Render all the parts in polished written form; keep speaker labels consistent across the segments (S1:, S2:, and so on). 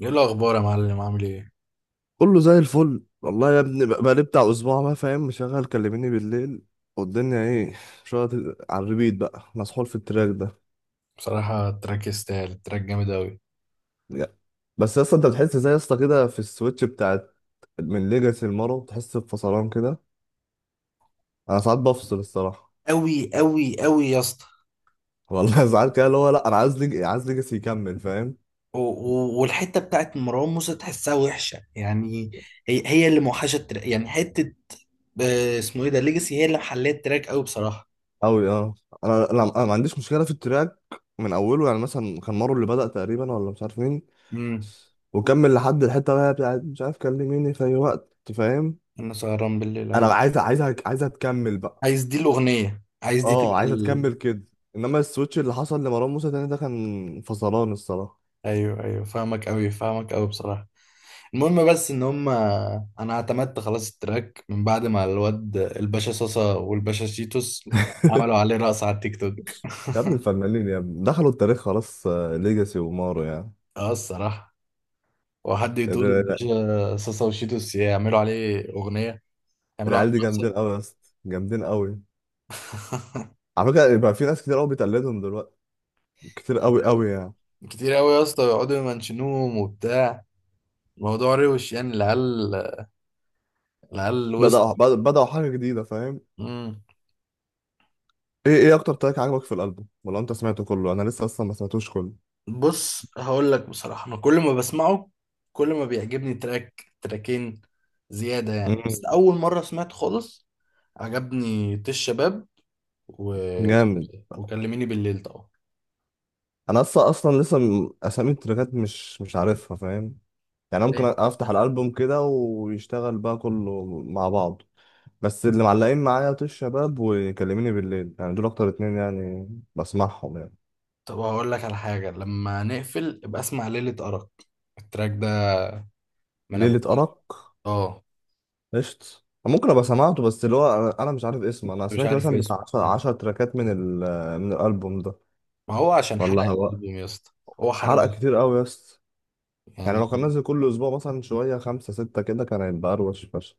S1: ايه الاخبار يا معلم؟ عامل ايه؟
S2: كله زي الفل والله يا ابني، بقى بقالي بتاع اسبوع بقى فاهم، مشغل كلميني بالليل. والدنيا ايه؟ شغل على الريبيت بقى، مسحول في التراك ده.
S1: بصراحه التراك يستاهل، التراك جامد قوي.
S2: يا. بس يا اسطى، انت بتحس زي يا اسطى كده في السويتش بتاعت من ليجاسي لمارو، بتحس بفصلان كده؟ انا ساعات بفصل الصراحه.
S1: أوي أوي أوي يا اسطى.
S2: والله ساعات كده اللي هو لا، انا عايز ليجاسي يكمل فاهم.
S1: والحتة بتاعت مروان موسى تحسها وحشة يعني. هي اللي موحشة التراك، يعني حتة. آه، اسمه ايه ده؟ ليجاسي هي اللي محلية التراك أوي بصراحة.
S2: قوي اه. انا ما عنديش مشكله في التراك من اوله. يعني مثلا كان مارو اللي بدأ تقريبا، ولا مش عارف مين،
S1: امم.
S2: وكمل لحد الحته بقى بتاعت مش عارف. كلميني في اي وقت فاهم.
S1: انا سهران بالليل،
S2: انا
S1: ايوه.
S2: عايز عايزك عايزها تكمل بقى.
S1: عايز دي الأغنية، عايز دي
S2: اه
S1: تبقى
S2: عايزها تكمل كده. انما السويتش اللي حصل لمروان موسى تاني ده كان فصلان الصراحه.
S1: ايوه ايوه، فاهمك قوي، فاهمك قوي بصراحه. المهم بس ان هم انا اعتمدت خلاص التراك من بعد ما الواد الباشا صاصا والباشا شيتوس عملوا عليه رقص على التيك توك.
S2: يا ابن الفنانين، يا ابن دخلوا التاريخ خلاص. ليجاسي ومارو يعني.
S1: اه الصراحة. وحد
S2: ال-
S1: يقول
S2: ال-
S1: الباشا صاصا وشيتوس يعملوا عليه أغنية، يعملوا عليه
S2: العيال دي
S1: رقصة.
S2: جامدين قوي يا اسطى، جامدين قوي. على فكره بقى في ناس كتير قوي بتقلدهم دلوقتي، كتير قوي
S1: كتير أوي،
S2: قوي يعني.
S1: كتير أوي يا اسطى، يقعدوا يمنشنوهم وبتاع. الموضوع روش، يعني العيال، العيال وصلوا.
S2: بدأوا حاجه جديده فاهم.
S1: مم.
S2: ايه اكتر تراك عجبك في الالبوم؟ ولا انت سمعته كله؟ انا لسه اصلا ما سمعتوش كله.
S1: بص هقول لك بصراحة، أنا كل ما بسمعه كل ما بيعجبني تراك، تراكين زيادة يعني. بس
S2: مم.
S1: أول مرة سمعت خالص عجبني طيش شباب و...
S2: جامد.
S1: وكلميني بالليل طبعا.
S2: انا اصلا لسه اسامي التراكات مش عارفها فاهم. يعني أنا ممكن افتح الالبوم كده ويشتغل بقى كله مع بعض. بس اللي معلقين معايا طيش شباب وكلميني بالليل، يعني دول اكتر اتنين يعني، بسمعهم يعني.
S1: طب هقول لك على حاجة، لما نقفل ابقى اسمع ليلة أرق، التراك ده، من ابو.
S2: ليلة أرق
S1: اه
S2: قشط، ممكن ابقى سمعته. بس اللي هو انا مش عارف اسمه. انا
S1: مش
S2: سمعت
S1: عارف
S2: مثلا
S1: اسمه
S2: بتاع 10
S1: يعني.
S2: 10 تراكات من الالبوم ده.
S1: ما هو عشان حرق
S2: والله هو
S1: الألبوم يا اسطى، هو حرق
S2: حرق كتير قوي يا اسطى. يعني
S1: يعني.
S2: لو كان نازل كل اسبوع مثلا شويه خمسة ستة كده، كان هيبقى اروش فشخ.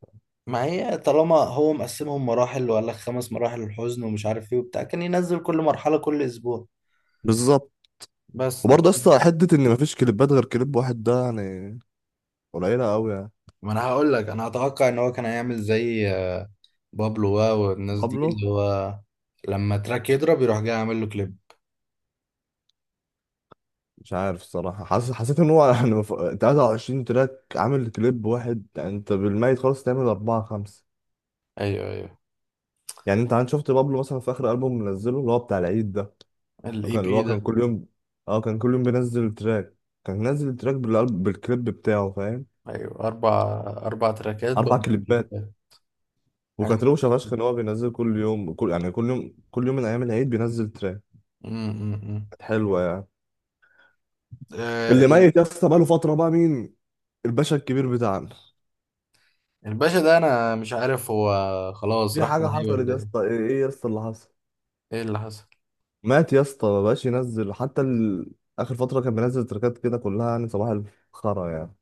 S1: ما هي طالما هو مقسمهم مراحل وقال لك خمس مراحل الحزن ومش عارف ايه وبتاع، كان ينزل كل مرحلة كل أسبوع
S2: بالظبط.
S1: بس.
S2: وبرضه يا اسطى، حته ان مفيش كليبات غير كليب واحد ده يعني، قليله قوي يعني.
S1: ما انا هقول لك، انا اتوقع ان هو كان هيعمل زي بابلو واو والناس دي،
S2: بابلو
S1: اللي هو لما تراك يضرب يروح جاي عامل له كليب.
S2: مش عارف الصراحة. حسيت ان هو يعني، 23 تراك عامل كليب واحد؟ يعني انت بالميت خالص تعمل أربعة خمسة.
S1: ايوه، ايوه.
S2: يعني انت عن شفت بابلو مثلا في آخر ألبوم منزله اللي هو بتاع العيد ده؟ اللي هو
S1: الاي
S2: كان اللي
S1: بي
S2: هو
S1: ده.
S2: كان كل يوم، اه كان كل يوم بينزل تراك، كان نازل تراك بالكليب بتاعه فاهم.
S1: ايوه، اربع، اربع تراكات
S2: أربع
S1: بابلو
S2: كليبات.
S1: كليبات. حاجه
S2: وكانت روشة
S1: متخصصة.
S2: فشخ ان هو بينزل كل يوم، كل يوم كل يوم من أيام العيد بينزل تراك.
S1: أمم، أمم، أمم.
S2: كانت حلوة يعني.
S1: آه،
S2: اللي
S1: ال-
S2: ميت يا اسطى بقاله فترة بقى، مين؟ الباشا الكبير بتاعنا.
S1: الباشا ده انا مش عارف، هو خلاص
S2: في
S1: راح
S2: حاجة
S1: عليه
S2: حصلت
S1: ولا
S2: يا اسطى؟
S1: ايه؟
S2: ايه يا اسطى اللي حصل؟
S1: ايه اللي حصل؟
S2: مات يا اسطى، ما بقاش ينزل حتى اخر فتره كان بينزل تراكات كده كلها يعني صباح الخرا يعني.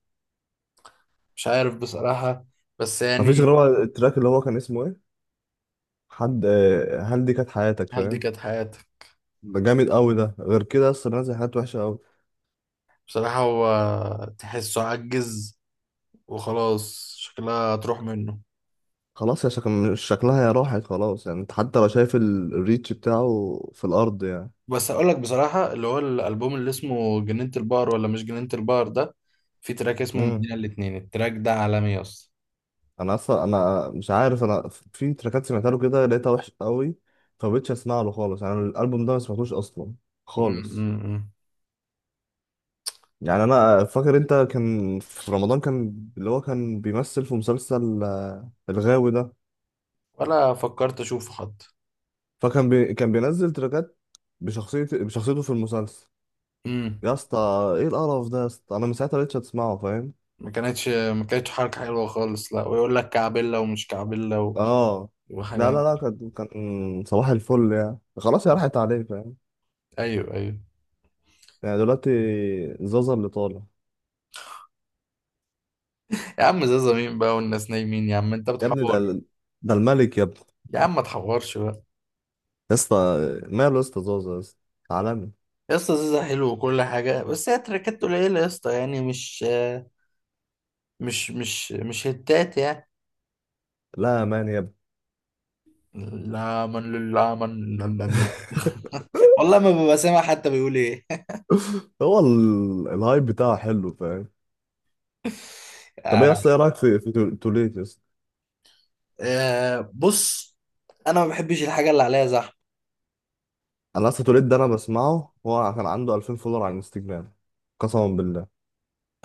S1: مش عارف بصراحه، بس
S2: ما فيش غير
S1: يعني.
S2: هو التراك اللي هو كان اسمه ايه، حد. هل دي كانت حياتك
S1: هل دي
S2: فاهم.
S1: كانت حياته؟
S2: ده جامد قوي، ده غير كده يا اسطى بينزل حاجات وحشه قوي.
S1: بصراحه هو تحسه عجز وخلاص شكلها هتروح منه.
S2: خلاص، يا شكلها يا راحت خلاص يعني. انت حتى لو شايف الريتش بتاعه في الارض يعني.
S1: بس اقول لك بصراحه اللي هو الالبوم اللي اسمه جنينه البحر ولا مش جنينه البحر ده، في تراك اسمه
S2: امم.
S1: مدينه الاتنين، التراك ده عالمي يا اسطى.
S2: انا اصلا مش عارف. انا في تراكات سمعتها له كده لقيتها وحشه قوي، فبقيتش اسمع له خالص، يعني الالبوم ده ما سمعتوش اصلا
S1: أمم،
S2: خالص.
S1: أمم.
S2: يعني انا فاكر انت كان في رمضان، كان اللي هو كان بيمثل في مسلسل الغاوي ده.
S1: ولا فكرت اشوفه حتى.
S2: كان بينزل تراكات بشخصيته في المسلسل
S1: امم.
S2: يا اسطى. ايه القرف ده يا اسطى؟ انا من ساعتها مبقتش اسمعه فاهم.
S1: ما كانتش حركه حلوه خالص، لا، ويقول لك كعبله ومش كعبله و...
S2: اه. لا
S1: وحاجات.
S2: لا لا كان صباح الفل يعني، خلاص يا راحت عليه فاهم.
S1: ايوه، ايوه.
S2: يعني دلوقتي زازا اللي طالع.
S1: يا عم زازا مين بقى والناس نايمين، يا عم انت
S2: يا ابني ده
S1: بتحور.
S2: ده الملك يا ابني.
S1: يا عم ما تحورش بقى.
S2: يا اسطى، ماله يا اسطى زازا يا اسطى؟ عالمي.
S1: يا اسطى زازا حلو وكل حاجه، بس هي تراكات قليله يا اسطى، يعني مش هتات يعني.
S2: لا يا مان يا ابني.
S1: لا، من لله، من لا، لا، لا. والله ما ببقى سامع حتى بيقول ايه.
S2: هو الهايب بتاعه حلو فاهم. طب
S1: آه،
S2: ايه اصلا، ايه رايك في توليت يا اسطى؟
S1: آه، بص انا ما بحبش الحاجه اللي عليها زحمه.
S2: انا اصلا توليت ده انا بسمعه. هو كان عنده 2000 فولور على الانستجرام قسما بالله.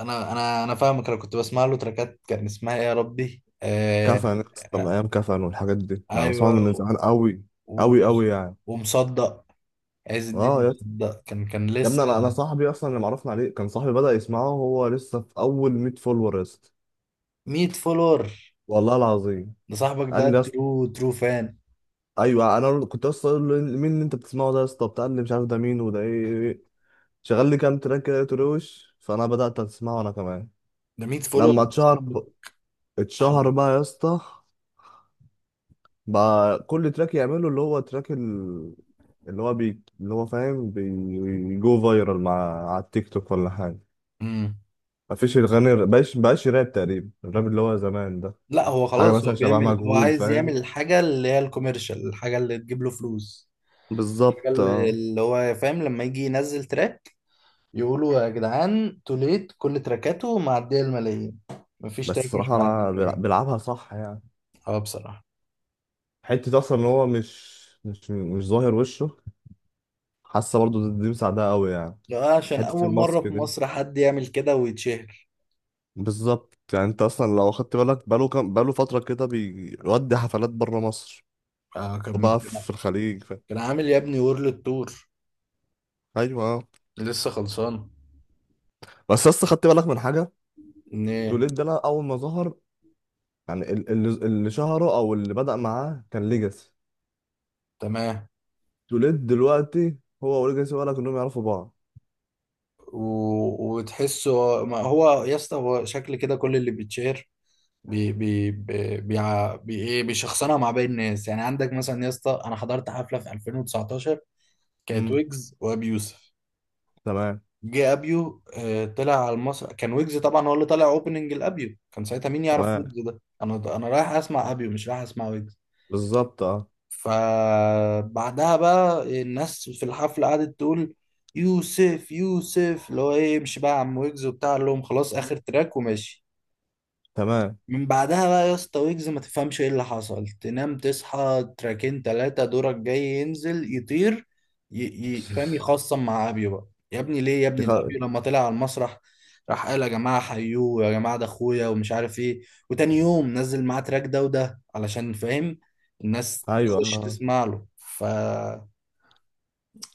S1: انا فاهمك، انا كنت بسمع له تراكات كان اسمها ايه يا ربي، آه،
S2: كفن يا اسطى، من
S1: آه،
S2: ايام كفن والحاجات دي انا بسمعه
S1: ايوه.
S2: من زمان قوي،
S1: و-
S2: قوي قوي يعني.
S1: ومصدق، عز
S2: اه
S1: الدين
S2: يا اسطى.
S1: مصدق، كان
S2: يا
S1: لسه
S2: ابني انا صاحبي اصلا اللي معرفنا عليه، كان صاحبي بدا يسمعه وهو لسه في اول 100 فولور يا اسطى.
S1: 100 فولور.
S2: والله العظيم.
S1: ده صاحبك ده
S2: قال لي يا اسطى.
S1: ترو ترو فان.
S2: ايوه، انا كنت اصلا اقول له: مين اللي انت بتسمعه ده يا اسطى؟ بتاع اللي مش عارف ده مين، وده ايه؟ إيه إيه. شغل لي كام تراك كده تروش، فانا بدات اسمعه انا كمان
S1: ده 100
S2: لما
S1: فولور.
S2: اتشهر. اتشهر
S1: صاحبي.
S2: بقى يا اسطى، بقى كل تراك يعمله اللي هو تراك اللي هو اللي هو فاهم، بيجو فايرال مع على التيك توك ولا حاجة.
S1: امم.
S2: مفيش الغني بقاش راب تقريبا، الراب اللي هو زمان ده،
S1: لا هو
S2: حاجة
S1: خلاص
S2: مثلا
S1: هو
S2: شبه
S1: بيعمل، هو
S2: مجهول
S1: عايز يعمل
S2: فاهم.
S1: الحاجة اللي هي الكوميرشال، الحاجة اللي تجيب له فلوس، الحاجة
S2: بالظبط
S1: اللي
S2: اه.
S1: اللي هو فاهم، لما يجي ينزل تراك يقولوا يا جدعان توليت كل تراكاته معدية الملايين، مفيش
S2: بس
S1: تراك مش
S2: الصراحة
S1: معدي
S2: أنا
S1: المليون.
S2: بيلعبها صح يعني.
S1: اه بصراحة.
S2: حتة أصلا إن هو مش ظاهر وشه، حاسة برضه دي مساعدة أوي يعني،
S1: لا، عشان
S2: حتة
S1: أول مرة
S2: الماسك
S1: في
S2: دي
S1: مصر حد يعمل كده ويتشهر.
S2: بالظبط. يعني انت اصلا لو خدت بالك بقاله كام، بقاله فتره كده بيودي حفلات بره مصر،
S1: اه كان،
S2: وبقى في الخليج
S1: كان عامل يا ابني وورلد تور،
S2: ايوه اه.
S1: لسه خلصان.
S2: بس اصلا خدت بالك من حاجه؟
S1: ايه؟
S2: توليد ده، لا، اول ما ظهر. يعني اللي شهره او اللي بدأ معاه كان ليجاسي.
S1: تمام.
S2: توليد دلوقتي هو وليجاسي، ولا كانوا يعرفوا بعض؟
S1: و... وتحسه، ما هو يا اسطى هو شكل كده كل اللي بيتشهر بي ايه، بيشخصنها مع باقي الناس. يعني عندك مثلا يا اسطى، انا حضرت حفله في 2019، كانت
S2: امم.
S1: ويجز وابي يوسف.
S2: تمام.
S1: جه ابيو، آه، طلع على المسرح، كان ويجز طبعا هو اللي طلع اوبننج الابيو، كان ساعتها مين يعرف
S2: تمام،
S1: ويجز ده؟ انا رايح اسمع ابيو مش رايح اسمع ويجز.
S2: بالظبط اه.
S1: فبعدها بقى الناس في الحفله قعدت تقول يوسف، يوسف، اللي هو ايه، امشي بقى يا عم ويجز وبتاع، قال لهم خلاص اخر تراك وماشي.
S2: تمام.
S1: من بعدها بقى يا اسطى ويجز ما تفهمش ايه اللي حصل، تنام تصحى تراكين تلاتة دورك جاي ينزل يطير فاهم يخصم مع ابيو بقى، يا ابني ليه يا
S2: دي
S1: ابني؟ ده
S2: خ-
S1: ابيو لما طلع على المسرح راح قال يا جماعة حيوه، يا جماعة ده اخويا ومش عارف ايه، وتاني يوم نزل معاه تراك، ده وده علشان فاهم الناس
S2: ايوه
S1: تخش تسمع له ف...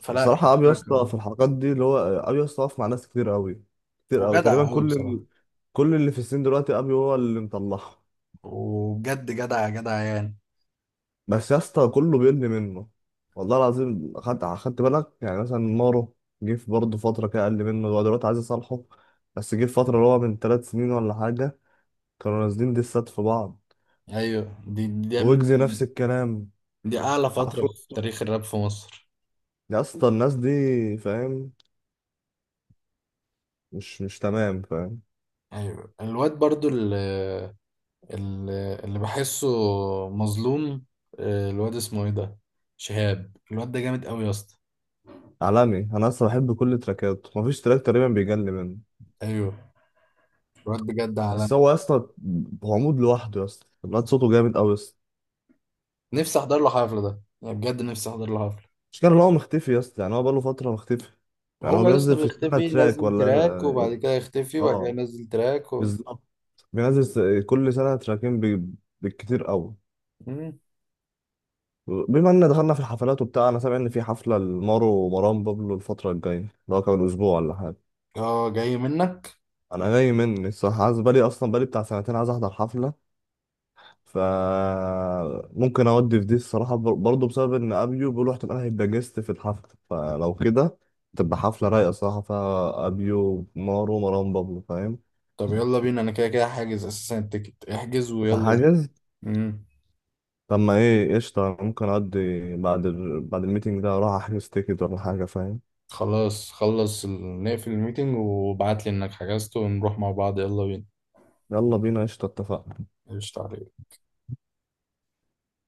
S1: فلا كان
S2: بصراحة أبي يسطا
S1: تراك.
S2: في الحلقات دي، اللي هو أبي يسطا واقف مع ناس كتير أوي، كتير أوي، تقريبا
S1: وجدع قوي
S2: كل
S1: بصراحة،
S2: كل اللي في السن دلوقتي أبي هو اللي مطلعها.
S1: وبجد جدع جدع يعني.
S2: بس يسطا كله بيرمي منه. والله العظيم أخدت بالك، يعني مثلا مارو، جه في برضه فترة كده أقل منه، هو دلوقتي عايز يصالحه. بس جه في فترة اللي هو من تلات سنين ولا حاجة، كانوا نازلين ديسات في بعض،
S1: ايوه، دي يا ابني
S2: ويجز نفس الكلام،
S1: دي اعلى فترة
S2: عفرو.
S1: في تاريخ الراب في مصر.
S2: يا اسطى الناس دي فاهم، مش تمام فاهم.
S1: ايوه الواد برضو اللي بحسه مظلوم، آه، الواد اسمه ايه ده؟ شهاب، الواد ده جامد قوي يا اسطى.
S2: عالمي. أنا أصلا بحب كل تراكاته، مفيش تراك تقريبا بيجلي منه.
S1: ايوه الواد بجد
S2: بس
S1: عالمي.
S2: هو يا اسطى عمود لوحده يا اسطى، الواد صوته جامد قوي يا اسطى.
S1: نفسي احضر له حفلة، ده يعني بجد نفسي احضر له حفلة.
S2: مش كان هو مختفي يا اسطى؟ يعني هو بقاله فتره مختفي، يعني هو
S1: هو يا اسطى
S2: بينزل في السنه
S1: بيختفي
S2: تراك
S1: ينزل تراك وبعد
S2: ولا؟
S1: كده يختفي
S2: اه
S1: وبعد كده ينزل تراك و...
S2: بالظبط. بينزل كل سنه تراكين بالكتير قوي.
S1: مم.
S2: بما ان دخلنا في الحفلات وبتاع، انا سامع ان في حفله لمارو ومروان بابلو الفتره الجايه، اللي هو كمان اسبوع ولا حاجه.
S1: اه جاي منك.
S2: انا جاي مني الصراحه، عايز بالي اصلا، بالي بتاع سنتين عايز احضر حفله. فممكن اودي في دي الصراحه برضه، بسبب ان ابيو بيقولوا احتمال هيبقى جيست في الحفله. فلو كده تبقى حفله رايقه صراحه، فيها ابيو مارو مروان بابلو فاهم.
S1: طب يلا بينا، انا كده كده حاجز اساسا التيكت، احجز
S2: كنت
S1: ويلا بينا.
S2: هحجز.
S1: مم.
S2: طب ما ايه قشطه، أنا ممكن اودي بعد بعد الميتنج ده اروح احجز تيكت ولا حاجه فاهم.
S1: خلاص، خلص نقفل الميتنج وابعت لي انك حجزت ونروح مع بعض، يلا بينا.
S2: يلا بينا قشطه اتفقنا.
S1: قشطة عليك.